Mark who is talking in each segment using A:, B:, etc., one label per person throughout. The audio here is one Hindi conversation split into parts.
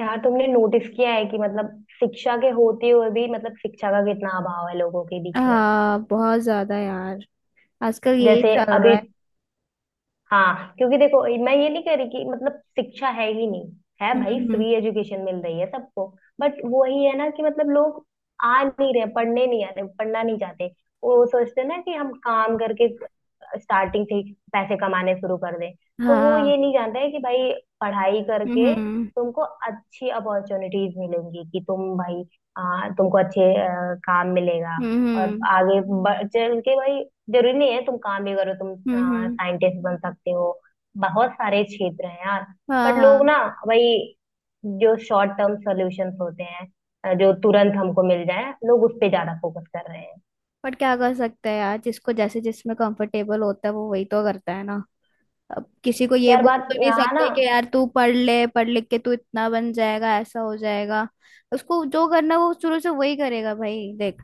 A: यार तुमने नोटिस किया है कि शिक्षा के होते हुए भी शिक्षा का कितना अभाव है लोगों के बीच में।
B: हाँ, बहुत ज्यादा यार। आजकल यही
A: जैसे
B: चल रहा
A: अभी
B: है।
A: हाँ, क्योंकि देखो मैं ये नहीं कह रही कि शिक्षा है ही नहीं। है
B: हम्म,
A: भाई,
B: हम्म।
A: फ्री एजुकेशन मिल रही है सबको। बट वही है ना कि लोग आ नहीं रहे, पढ़ने नहीं आ रहे, पढ़ना नहीं चाहते। वो सोचते हैं ना कि हम काम करके स्टार्टिंग से ही पैसे कमाने शुरू कर दें। तो वो
B: हाँ।
A: ये नहीं जानते हैं कि भाई पढ़ाई करके
B: हम्म,
A: तुमको अच्छी अपॉर्चुनिटीज मिलेंगी, कि तुम भाई तुमको अच्छे काम मिलेगा और
B: हम्म,
A: आगे चल के भाई, जरूरी नहीं है तुम काम भी करो, तुम
B: हम्म,
A: साइंटिस्ट बन सकते हो। बहुत सारे क्षेत्र हैं यार।
B: हाँ,
A: बट लोग
B: हाँ।
A: ना भाई जो शॉर्ट टर्म सॉल्यूशंस होते हैं, जो तुरंत हमको मिल जाए, लोग उस पे ज्यादा फोकस कर रहे हैं।
B: पर क्या कर सकते हैं यार, जिसको जैसे जिसमें कंफर्टेबल होता है वो वही तो करता है ना। अब किसी को ये
A: यार
B: बोल
A: बात
B: तो नहीं
A: यहाँ ना,
B: सकते कि यार तू पढ़ ले, पढ़ लिख के तू इतना बन जाएगा, ऐसा हो जाएगा। उसको जो करना वो शुरू से वही करेगा भाई, देख।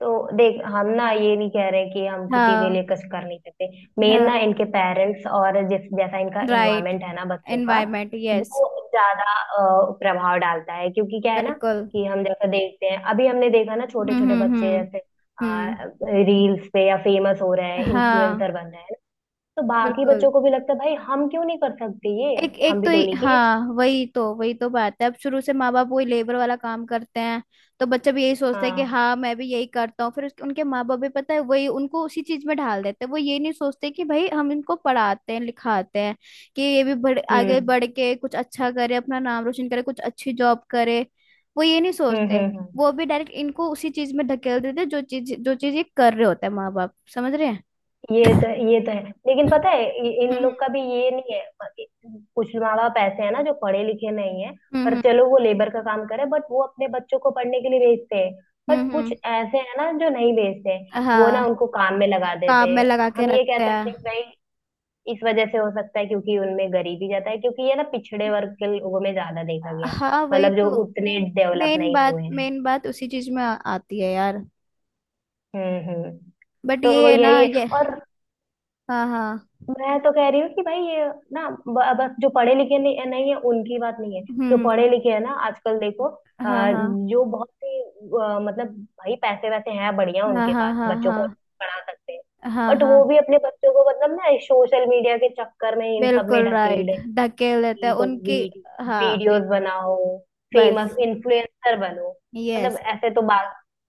A: तो देख हम ना ये नहीं कह रहे कि हम किसी के
B: हाँ,
A: लिए कुछ कर नहीं सकते। मेन
B: हाँ।
A: ना इनके पेरेंट्स और जिस जैसा इनका
B: राइट।
A: इन्वायरमेंट है ना बच्चों का,
B: एनवायरमेंट, यस।
A: वो ज्यादा प्रभाव डालता है। क्योंकि क्या है ना
B: बिल्कुल।
A: कि हम जैसा देखते हैं, अभी हमने देखा ना छोटे
B: हम्म,
A: छोटे
B: हम्म,
A: बच्चे
B: हम्म,
A: जैसे
B: हम्म।
A: रील्स पे या फेमस हो रहे हैं,
B: हाँ।
A: इन्फ्लुएंसर बन रहे हैं। तो बाकी
B: बिल्कुल।
A: बच्चों को भी लगता है भाई हम क्यों नहीं कर सकते ये,
B: एक
A: हम
B: एक
A: भी
B: तो
A: तो
B: ये-
A: उन्हीं के।
B: हाँ, वही तो बात है। अब शुरू से माँ बाप वही लेबर वाला काम करते हैं। तो बच्चा भी यही सोचता है कि
A: हाँ,
B: हाँ मैं भी यही करता हूँ, फिर उसके उनके माँ बाप भी पता है वही उनको उसी चीज में ढाल देते हैं। वो ये नहीं सोचते कि भाई हम इनको पढ़ाते हैं लिखाते हैं, कि ये भी बढ़ आगे
A: हम्म
B: बढ़ के कुछ अच्छा करे, अपना नाम रोशन करे, कुछ अच्छी जॉब करे। वो ये नहीं सोचते।
A: हम्म।
B: वो भी डायरेक्ट इनको उसी चीज में धकेल देते हैं, जो चीज ये कर रहे होते हैं माँ बाप समझ रहे हैं।
A: ये तो है, लेकिन पता है इन
B: हम्म,
A: लोग का भी ये नहीं है। कुछ माँ बाप ऐसे हैं ना जो पढ़े लिखे नहीं है,
B: हम्म,
A: पर
B: हम्म,
A: चलो वो लेबर का काम करे बट वो अपने बच्चों को पढ़ने के लिए भेजते हैं। बट
B: हम्म,
A: कुछ
B: हम्म।
A: ऐसे हैं ना जो नहीं भेजते हैं, वो ना
B: हाँ।
A: उनको काम में लगा देते
B: काम में
A: हैं।
B: लगा के
A: हम ये कह
B: रखते
A: सकते हैं कि
B: हैं।
A: भाई इस वजह से हो सकता है, क्योंकि उनमें गरीबी ज्यादा है, क्योंकि ये ना पिछड़े वर्ग के लोगों में ज्यादा देखा गया है।
B: हाँ, वही तो।
A: जो उतने डेवलप
B: मेन
A: नहीं
B: बात
A: हुए हैं।
B: मेन बात उसी चीज में आती है यार।
A: हम्म।
B: बट
A: तो वो
B: ये है ना
A: यही है।
B: ये।
A: और
B: हाँ, हाँ।
A: मैं तो कह रही हूँ कि भाई ये ना बस जो पढ़े लिखे नहीं है उनकी बात नहीं है। जो
B: हम्म।
A: पढ़े लिखे है ना आजकल देखो, अ,
B: हाँ हाँ,
A: जो बहुत ही भाई पैसे वैसे हैं बढ़िया
B: हाँ,
A: उनके
B: हाँ।
A: पास,
B: हाँ,
A: बच्चों को पढ़ा सकते हैं।
B: हाँ, हाँ,
A: बट वो
B: हाँ।
A: भी अपने बच्चों को ना सोशल मीडिया के चक्कर में इन सब में
B: बिल्कुल
A: ढकेल
B: राइट,
A: रहे हैं
B: धकेल देते हैं
A: कि तो
B: उनकी। हाँ।
A: वीडियोस बनाओ, फेमस
B: बस।
A: इन्फ्लुएंसर बनो।
B: यस।
A: ऐसे तो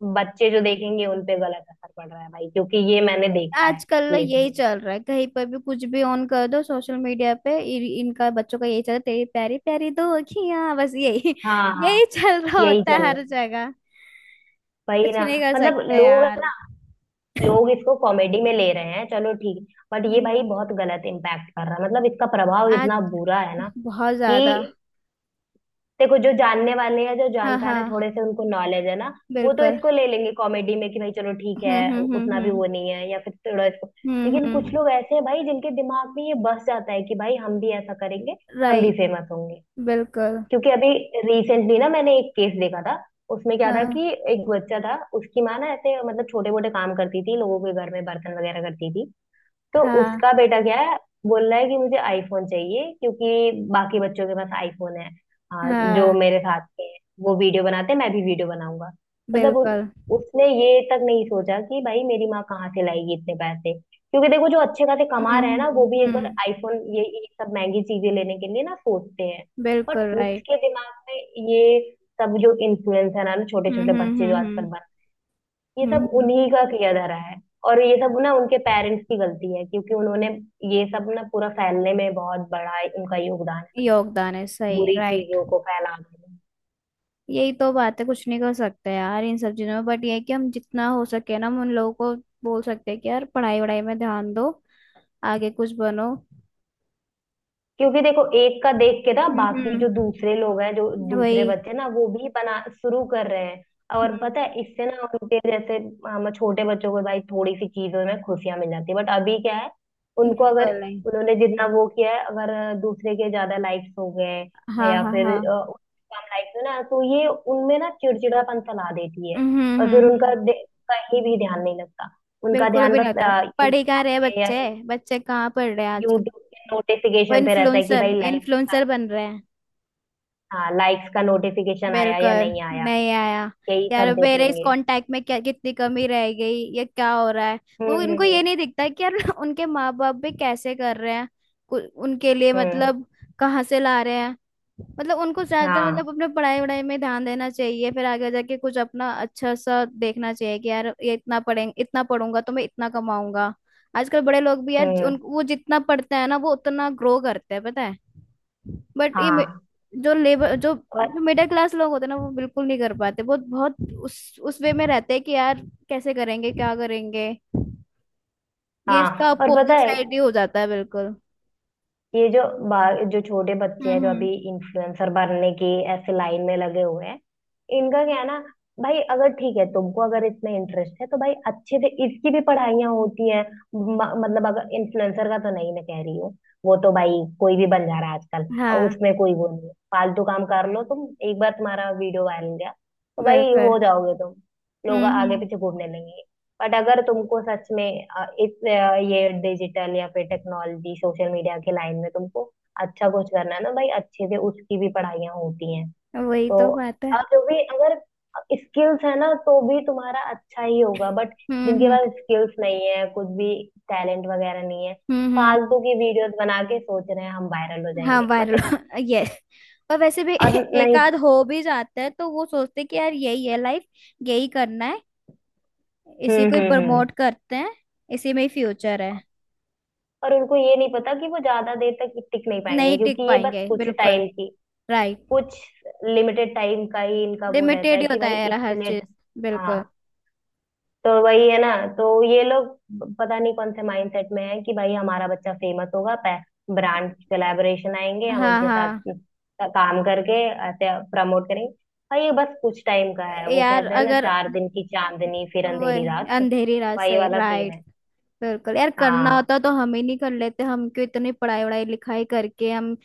A: बच्चे जो देखेंगे उन पे गलत असर पड़ रहा है भाई, क्योंकि ये मैंने देखा है।
B: आजकल यही
A: लिटरली।
B: चल रहा है, कहीं पर भी कुछ भी ऑन कर दो सोशल मीडिया पे इनका बच्चों का यही चल रहा है। तेरी प्यारी प्यारी दो अखियां, बस यही
A: हाँ,
B: यही चल रहा
A: यही
B: होता
A: चल
B: है
A: रहा
B: हर
A: है।
B: जगह।
A: वही
B: कुछ
A: ना।
B: नहीं कर सकते
A: लोग
B: यार।
A: ना, लोग इसको कॉमेडी में ले रहे हैं, चलो ठीक। बट ये
B: हम्म,
A: भाई बहुत गलत इम्पैक्ट कर रहा है, इसका प्रभाव
B: आज
A: इतना बुरा है ना
B: बहुत
A: कि
B: ज्यादा।
A: देखो, जो जानने वाले हैं, जो
B: हाँ,
A: जानकार है,
B: हाँ।
A: थोड़े से उनको नॉलेज है ना, वो तो
B: बिल्कुल।
A: इसको ले लेंगे कॉमेडी में कि भाई चलो ठीक है,
B: हम्म, हम्म,
A: उतना भी
B: हम्म,
A: वो नहीं है या फिर थोड़ा इसको।
B: हम्म, हम्म,
A: लेकिन कुछ
B: हम्म।
A: लोग ऐसे हैं भाई जिनके दिमाग में ये बस जाता है कि भाई हम भी ऐसा करेंगे, हम भी
B: राइट।
A: फेमस होंगे।
B: बिल्कुल।
A: क्योंकि अभी रिसेंटली ना मैंने एक केस देखा था। उसमें क्या था
B: हाँ,
A: कि एक बच्चा था, उसकी माँ ना ऐसे छोटे मोटे काम करती थी, लोगों के घर में बर्तन वगैरह करती थी। तो
B: हाँ,
A: उसका बेटा क्या है, बोल रहा है कि मुझे आईफोन चाहिए क्योंकि बाकी बच्चों के पास आईफोन है। हाँ, जो
B: हाँ।
A: मेरे साथ के हैं वो वीडियो बनाते हैं, मैं भी वीडियो बनाऊंगा। मतलब उ-
B: बिल्कुल।
A: उसने ये तक नहीं सोचा कि भाई मेरी माँ कहाँ से लाएगी इतने पैसे, क्योंकि देखो जो अच्छे खासे
B: हम्म,
A: कमा रहे हैं ना
B: हम्म,
A: वो भी एक बार
B: हम्म।
A: आईफोन ये सब महंगी चीजें लेने के लिए ना सोचते हैं। बट
B: बिल्कुल राइट।
A: उसके दिमाग में ये सब जो इन्फ्लुएंसर है ना, छोटे
B: हम्म,
A: छोटे
B: हम्म,
A: बच्चे जो
B: हम्म,
A: आजकल
B: हम्म,
A: बन, ये सब
B: हम्म।
A: उन्हीं का किया धरा है। और ये सब
B: हाँ।
A: ना उनके पेरेंट्स की गलती है, क्योंकि उन्होंने ये सब ना पूरा फैलने में बहुत बड़ा उनका योगदान है।
B: योगदान है, सही,
A: बुरी
B: राइट।
A: चीजों को फैला देना।
B: यही तो बात है, कुछ नहीं कर सकते यार इन सब चीजों में। बट ये है कि हम जितना हो सके ना हम उन लोगों को बोल सकते हैं कि यार पढ़ाई वढ़ाई में ध्यान दो, आगे कुछ बनो।
A: क्योंकि देखो एक का देख के ना
B: हम्म,
A: बाकी जो दूसरे लोग हैं, जो दूसरे
B: वही।
A: बच्चे ना वो भी बना शुरू कर रहे हैं। और
B: हम्म,
A: पता है इससे ना उनके जैसे हम, छोटे बच्चों को भाई थोड़ी सी चीजों में खुशियां मिल जाती है, बट अभी क्या है, उनको अगर
B: बिल्कुल नहीं।
A: उन्होंने जितना वो किया है, अगर दूसरे के ज्यादा लाइक्स हो गए
B: हाँ,
A: या
B: हाँ,
A: फिर
B: हाँ।
A: उनके कम लाइक्स हो ना, तो ये उनमें ना चिड़चिड़ापन फैला देती है।
B: हम्म, हम्म,
A: और फिर उनका कहीं भी ध्यान नहीं लगता, उनका
B: बिल्कुल
A: ध्यान
B: भी नहीं
A: बस
B: होता। पढ़ ही कहाँ रहे बच्चे, बच्चे कहाँ पढ़ रहे हैं आजकल।
A: यूट्यूब के
B: वो
A: नोटिफिकेशन पे रहता है कि
B: इन्फ्लुएंसर
A: भाई लाइक,
B: इन्फ्लुएंसर बन रहे।
A: हाँ लाइक्स का नोटिफिकेशन आया या
B: बिल्कुल,
A: नहीं आया,
B: नहीं आया।
A: यही
B: यार
A: सब
B: मेरे इस
A: देखेंगे।
B: कांटेक्ट में क्या कितनी कमी रह गई, ये क्या हो रहा है।
A: हम्म
B: वो उनको
A: हम्म
B: ये नहीं दिखता कि यार उनके माँ बाप भी कैसे कर रहे हैं। उनके लिए
A: हम्म हम्म,
B: मतलब कहाँ से ला रहे हैं। मतलब उनको ज्यादातर
A: हाँ
B: मतलब अपने पढ़ाई वढ़ाई में ध्यान देना चाहिए, फिर आगे जाके कुछ अपना अच्छा सा देखना चाहिए कि यार ये इतना पढ़ें इतना पढ़ूंगा तो मैं इतना कमाऊंगा। आजकल बड़े लोग भी यार, उन
A: हम्म
B: वो जितना पढ़ते हैं ना वो उतना ग्रो करते हैं पता है। बट
A: हाँ
B: जो लेबर जो
A: और
B: जो मिडिल क्लास लोग होते हैं ना वो बिल्कुल नहीं कर पाते, बहुत बहुत उस वे में रहते हैं कि यार कैसे करेंगे क्या करेंगे। ये इसका
A: हाँ। और पता
B: अपोजिट
A: है
B: साइड ही हो जाता है बिल्कुल।
A: ये जो जो छोटे
B: हम्म,
A: बच्चे हैं जो अभी
B: हम्म।
A: इन्फ्लुएंसर बनने की ऐसे लाइन में लगे हुए हैं, इनका क्या है ना भाई, अगर ठीक है तुमको अगर इसमें इंटरेस्ट है तो भाई अच्छे से इसकी भी पढ़ाइयाँ होती हैं। अगर इन्फ्लुएंसर का तो नहीं मैं कह रही हूँ, वो तो भाई कोई भी बन जा रहा है आजकल, और
B: हाँ,
A: उसमें कोई वो नहीं है, फालतू काम कर लो तुम, एक बार तुम्हारा वीडियो वायरल गया तो भाई
B: बिल्कुल।
A: हो जाओगे तुम, लोग
B: हम्म,
A: आगे
B: हम्म।
A: पीछे घूमने लगेंगे। बट अगर तुमको सच में इस ये डिजिटल या फिर टेक्नोलॉजी सोशल मीडिया के लाइन में तुमको अच्छा कुछ करना है ना भाई, अच्छे से उसकी भी पढ़ाइयाँ होती हैं।
B: वही
A: तो
B: तो बात है।
A: अब जो भी अगर स्किल्स है ना तो भी तुम्हारा अच्छा ही होगा। बट
B: हम्म,
A: जिनके
B: हम्म,
A: पास स्किल्स नहीं है कुछ भी, टैलेंट वगैरह नहीं है,
B: हम्म, हम्म।
A: फालतू की वीडियोस बना के सोच रहे हैं हम वायरल हो
B: हाँ,
A: जाएंगे, मतलब।
B: वायरल। यस और वैसे भी
A: और
B: एक
A: नहीं।
B: आध हो भी जाता है तो वो सोचते हैं कि यार यही है लाइफ, यही करना है, इसी को ही
A: हम्म।
B: प्रमोट करते हैं, इसी में ही फ्यूचर है।
A: और उनको ये नहीं पता कि वो ज्यादा देर तक टिक नहीं पाएंगे,
B: नहीं टिक
A: क्योंकि ये बस
B: पाएंगे
A: कुछ
B: बिल्कुल।
A: टाइम की,
B: राइट।
A: कुछ लिमिटेड टाइम का ही इनका वो रहता
B: लिमिटेड
A: है
B: ही
A: कि
B: होता
A: भाई
B: है यार हर
A: इतने,
B: चीज,
A: हाँ।
B: बिल्कुल।
A: तो वही है ना। तो ये लोग पता नहीं कौन से माइंडसेट में है कि भाई हमारा बच्चा फेमस होगा, ब्रांड कोलैबोरेशन आएंगे, हम
B: हाँ,
A: उनके साथ
B: हाँ,
A: काम करके ऐसे प्रमोट करेंगे। भाई ये बस कुछ टाइम का है, वो
B: यार
A: कहते हैं ना,
B: अगर
A: चार दिन की चांदनी फिर अंधेरी
B: वही
A: रात।
B: अंधेरी रात,
A: वही
B: सही,
A: वाला सीन
B: राइट।
A: है।
B: बिल्कुल यार, करना
A: हाँ
B: होता तो हम ही नहीं कर लेते? हम क्यों इतनी पढ़ाई वढ़ाई लिखाई करके हम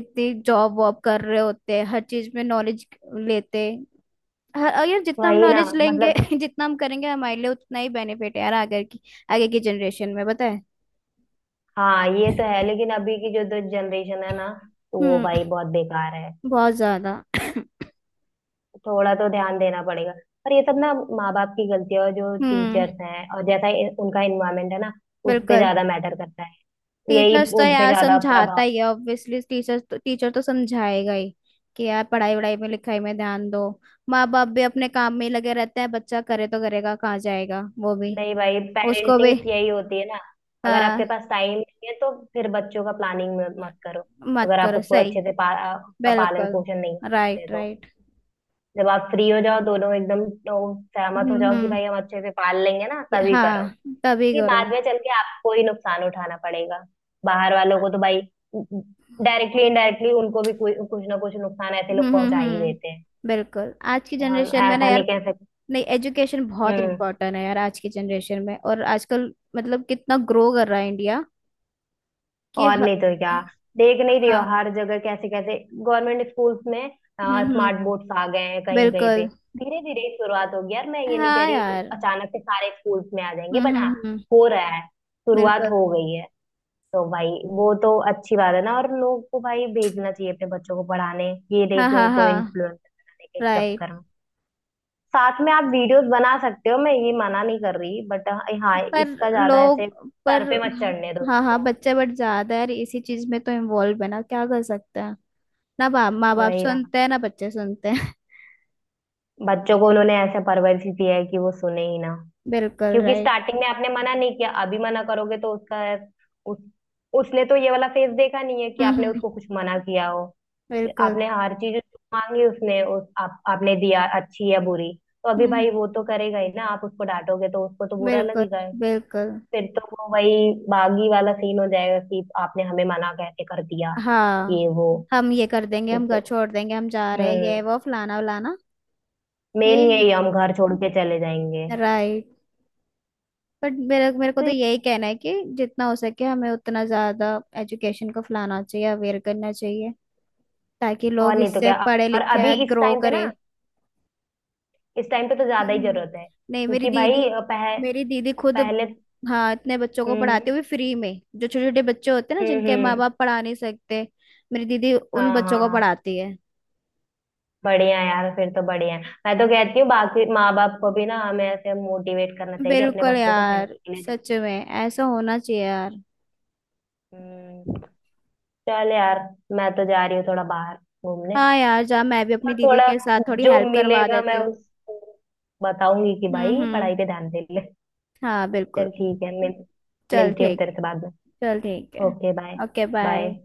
B: इतनी जॉब वॉब कर रहे होते हैं, हर चीज में नॉलेज लेते। हर, और यार जितना हम
A: वही ना।
B: नॉलेज लेंगे
A: मतलब,
B: जितना हम करेंगे हमारे लिए उतना ही बेनिफिट है यार, आगे की जनरेशन में बताए।
A: हाँ ये तो है। लेकिन अभी की जो जनरेशन है ना, तो वो
B: हम्म,
A: भाई बहुत बेकार है।
B: बहुत ज्यादा।
A: थोड़ा तो ध्यान देना पड़ेगा। और ये सब ना माँ बाप की गलती है, और जो
B: हम्म,
A: टीचर्स हैं, और जैसा उनका इन्वायरमेंट है ना, उस पे
B: बिल्कुल।
A: ज्यादा मैटर करता है। यही
B: टीचर्स तो
A: उन पे
B: यार
A: ज्यादा
B: समझाता
A: प्रभाव।
B: ही है ऑब्वियसली, टीचर्स तो, टीचर तो समझाएगा ही कि यार पढ़ाई वढ़ाई में लिखाई में ध्यान दो। माँ बाप भी अपने काम में ही लगे रहते हैं, बच्चा करे तो करेगा कहाँ जाएगा वो भी,
A: नहीं भाई,
B: उसको भी।
A: पेरेंटिंग यही होती है ना, अगर आपके
B: हाँ,
A: पास टाइम नहीं है तो फिर बच्चों का प्लानिंग मत करो।
B: मत
A: अगर आप
B: करो,
A: उसको
B: सही।
A: अच्छे से उसका पालन
B: बिल्कुल,
A: पोषण नहीं कर सकते
B: राइट,
A: तो
B: राइट।
A: जब आप फ्री हो जाओ दोनों एकदम, तो सहमत हो
B: हम्म,
A: जाओ कि
B: हम्म,
A: भाई हम अच्छे से पाल लेंगे ना, तभी करो।
B: हाँ, तभी
A: ये
B: करो।
A: बाद में चल के आपको ही नुकसान उठाना पड़ेगा। बाहर वालों को तो भाई डायरेक्टली इनडायरेक्टली उनको भी कोई कुछ ना कुछ नुकसान ऐसे
B: हम्म,
A: लोग
B: हम्म,
A: पहुंचा ही देते हैं।
B: हम्म। बिल्कुल, आज की
A: तो हम
B: जनरेशन में ना
A: ऐसा
B: यार,
A: नहीं कह सकते।
B: नहीं, एजुकेशन बहुत
A: हम्म।
B: इंपॉर्टेंट है यार आज की जनरेशन में। और आजकल मतलब कितना ग्रो कर रहा है इंडिया कि
A: और नहीं तो क्या, देख नहीं रही हो
B: हाँ।
A: हर जगह कैसे कैसे गवर्नमेंट स्कूल्स में
B: हम्म, हम्म।
A: स्मार्ट बोर्ड्स आ गए हैं, कहीं कहीं पे
B: बिल्कुल।
A: धीरे धीरे ही शुरुआत होगी यार, मैं ये नहीं कह
B: हाँ
A: रही
B: यार।
A: अचानक से सारे स्कूल्स में आ जाएंगे,
B: हम्म,
A: बट हाँ
B: हम्म, हम्म।
A: हो रहा है, शुरुआत
B: बिल्कुल।
A: हो गई है। तो भाई वो तो अच्छी बात है ना, और लोग को भाई भेजना चाहिए अपने बच्चों को पढ़ाने। ये
B: हाँ,
A: नहीं कि
B: हाँ,
A: उनको
B: हाँ।
A: इन्फ्लुएंस बनाने के
B: राइट।
A: चक्कर में, साथ में आप वीडियोस बना सकते हो, मैं ये मना नहीं कर रही, बट हाँ
B: पर,
A: इसका ज्यादा ऐसे
B: लोग, पर
A: सर पे मत चढ़ने दो
B: हाँ, हाँ,
A: इसको।
B: बच्चे, बट ज्यादा यार इसी चीज में तो इन्वॉल्व है ना, क्या कर सकते हैं? ना बाप माँ बाप
A: वही ना,
B: सुनते हैं ना बच्चे सुनते हैं।
A: बच्चों को उन्होंने ऐसे परवरिश ही दी है कि वो सुने ही ना।
B: बिल्कुल,
A: क्योंकि
B: राइट।
A: स्टार्टिंग में आपने मना नहीं किया, अभी मना करोगे तो उसका उस, उसने तो ये वाला फेस देखा नहीं है कि
B: हम्म,
A: आपने
B: हम्म,
A: उसको कुछ मना किया हो।
B: बिल्कुल।
A: आपने हर चीज उसको मांगी उसने, उस आप आपने दिया अच्छी या बुरी। तो अभी
B: हम्म,
A: भाई वो तो करेगा ही ना, आप उसको डांटोगे तो उसको तो बुरा
B: बिल्कुल।
A: लगेगा ही।
B: बिल्कुल।
A: फिर तो वो वही बागी वाला सीन हो जाएगा कि आपने हमें मना कैसे कर दिया,
B: हाँ,
A: ये वो,
B: हम ये कर देंगे
A: फिर
B: हम
A: तो
B: घर छोड़ देंगे हम जा रहे हैं,
A: हम्म,
B: ये वो फलाना वलाना।
A: मेन
B: यही।
A: यही, हम घर छोड़ के चले जाएंगे।
B: राइट। बट मेरे मेरे को
A: तो
B: तो
A: ये-
B: यही कहना है कि जितना हो सके हमें उतना ज्यादा एजुकेशन को फैलाना चाहिए, अवेयर करना चाहिए, ताकि
A: और
B: लोग
A: नहीं तो
B: इससे
A: क्या।
B: पढ़े
A: और अभी
B: लिखे
A: इस
B: ग्रो
A: टाइम पे ना,
B: करे।
A: इस टाइम पे तो ज्यादा ही
B: हम्म,
A: जरूरत है,
B: नहीं, मेरी
A: क्योंकि
B: दीदी,
A: भाई
B: मेरी दीदी खुद,
A: पहले।
B: हाँ, इतने बच्चों को पढ़ाते
A: हम्म
B: हुए फ्री में, जो छोटे छोटे बच्चे होते हैं ना जिनके माँ
A: हम्म।
B: बाप पढ़ा नहीं सकते, मेरी दीदी
A: हाँ
B: उन बच्चों
A: हाँ
B: को
A: हाँ,
B: पढ़ाती है।
A: बढ़िया है यार, फिर तो बढ़िया है। मैं तो कहती हूँ बाकी माँ बाप को भी ना हमें ऐसे मोटिवेट करना चाहिए कि अपने
B: बिल्कुल
A: बच्चों को पढ़ने
B: यार,
A: के लिए दें।
B: सच में ऐसा होना चाहिए यार।
A: हम्म। चल यार, मैं तो जा रही हूँ थोड़ा बाहर घूमने।
B: हाँ यार, जा, मैं भी अपनी
A: और
B: दीदी
A: थोड़ा
B: के साथ थोड़ी
A: जो
B: हेल्प करवा
A: मिलेगा
B: देती
A: मैं
B: हूँ।
A: उसको बताऊंगी कि
B: हम्म,
A: भाई
B: हम्म,
A: पढ़ाई पे ध्यान दे ले।
B: हाँ, बिल्कुल।
A: चल ठीक है, मिल,
B: चल
A: मिलती हूँ
B: ठीक
A: तेरे
B: है।
A: से बाद
B: चल ठीक
A: में।
B: है।
A: Okay bye.
B: Okay, bye.
A: Bye.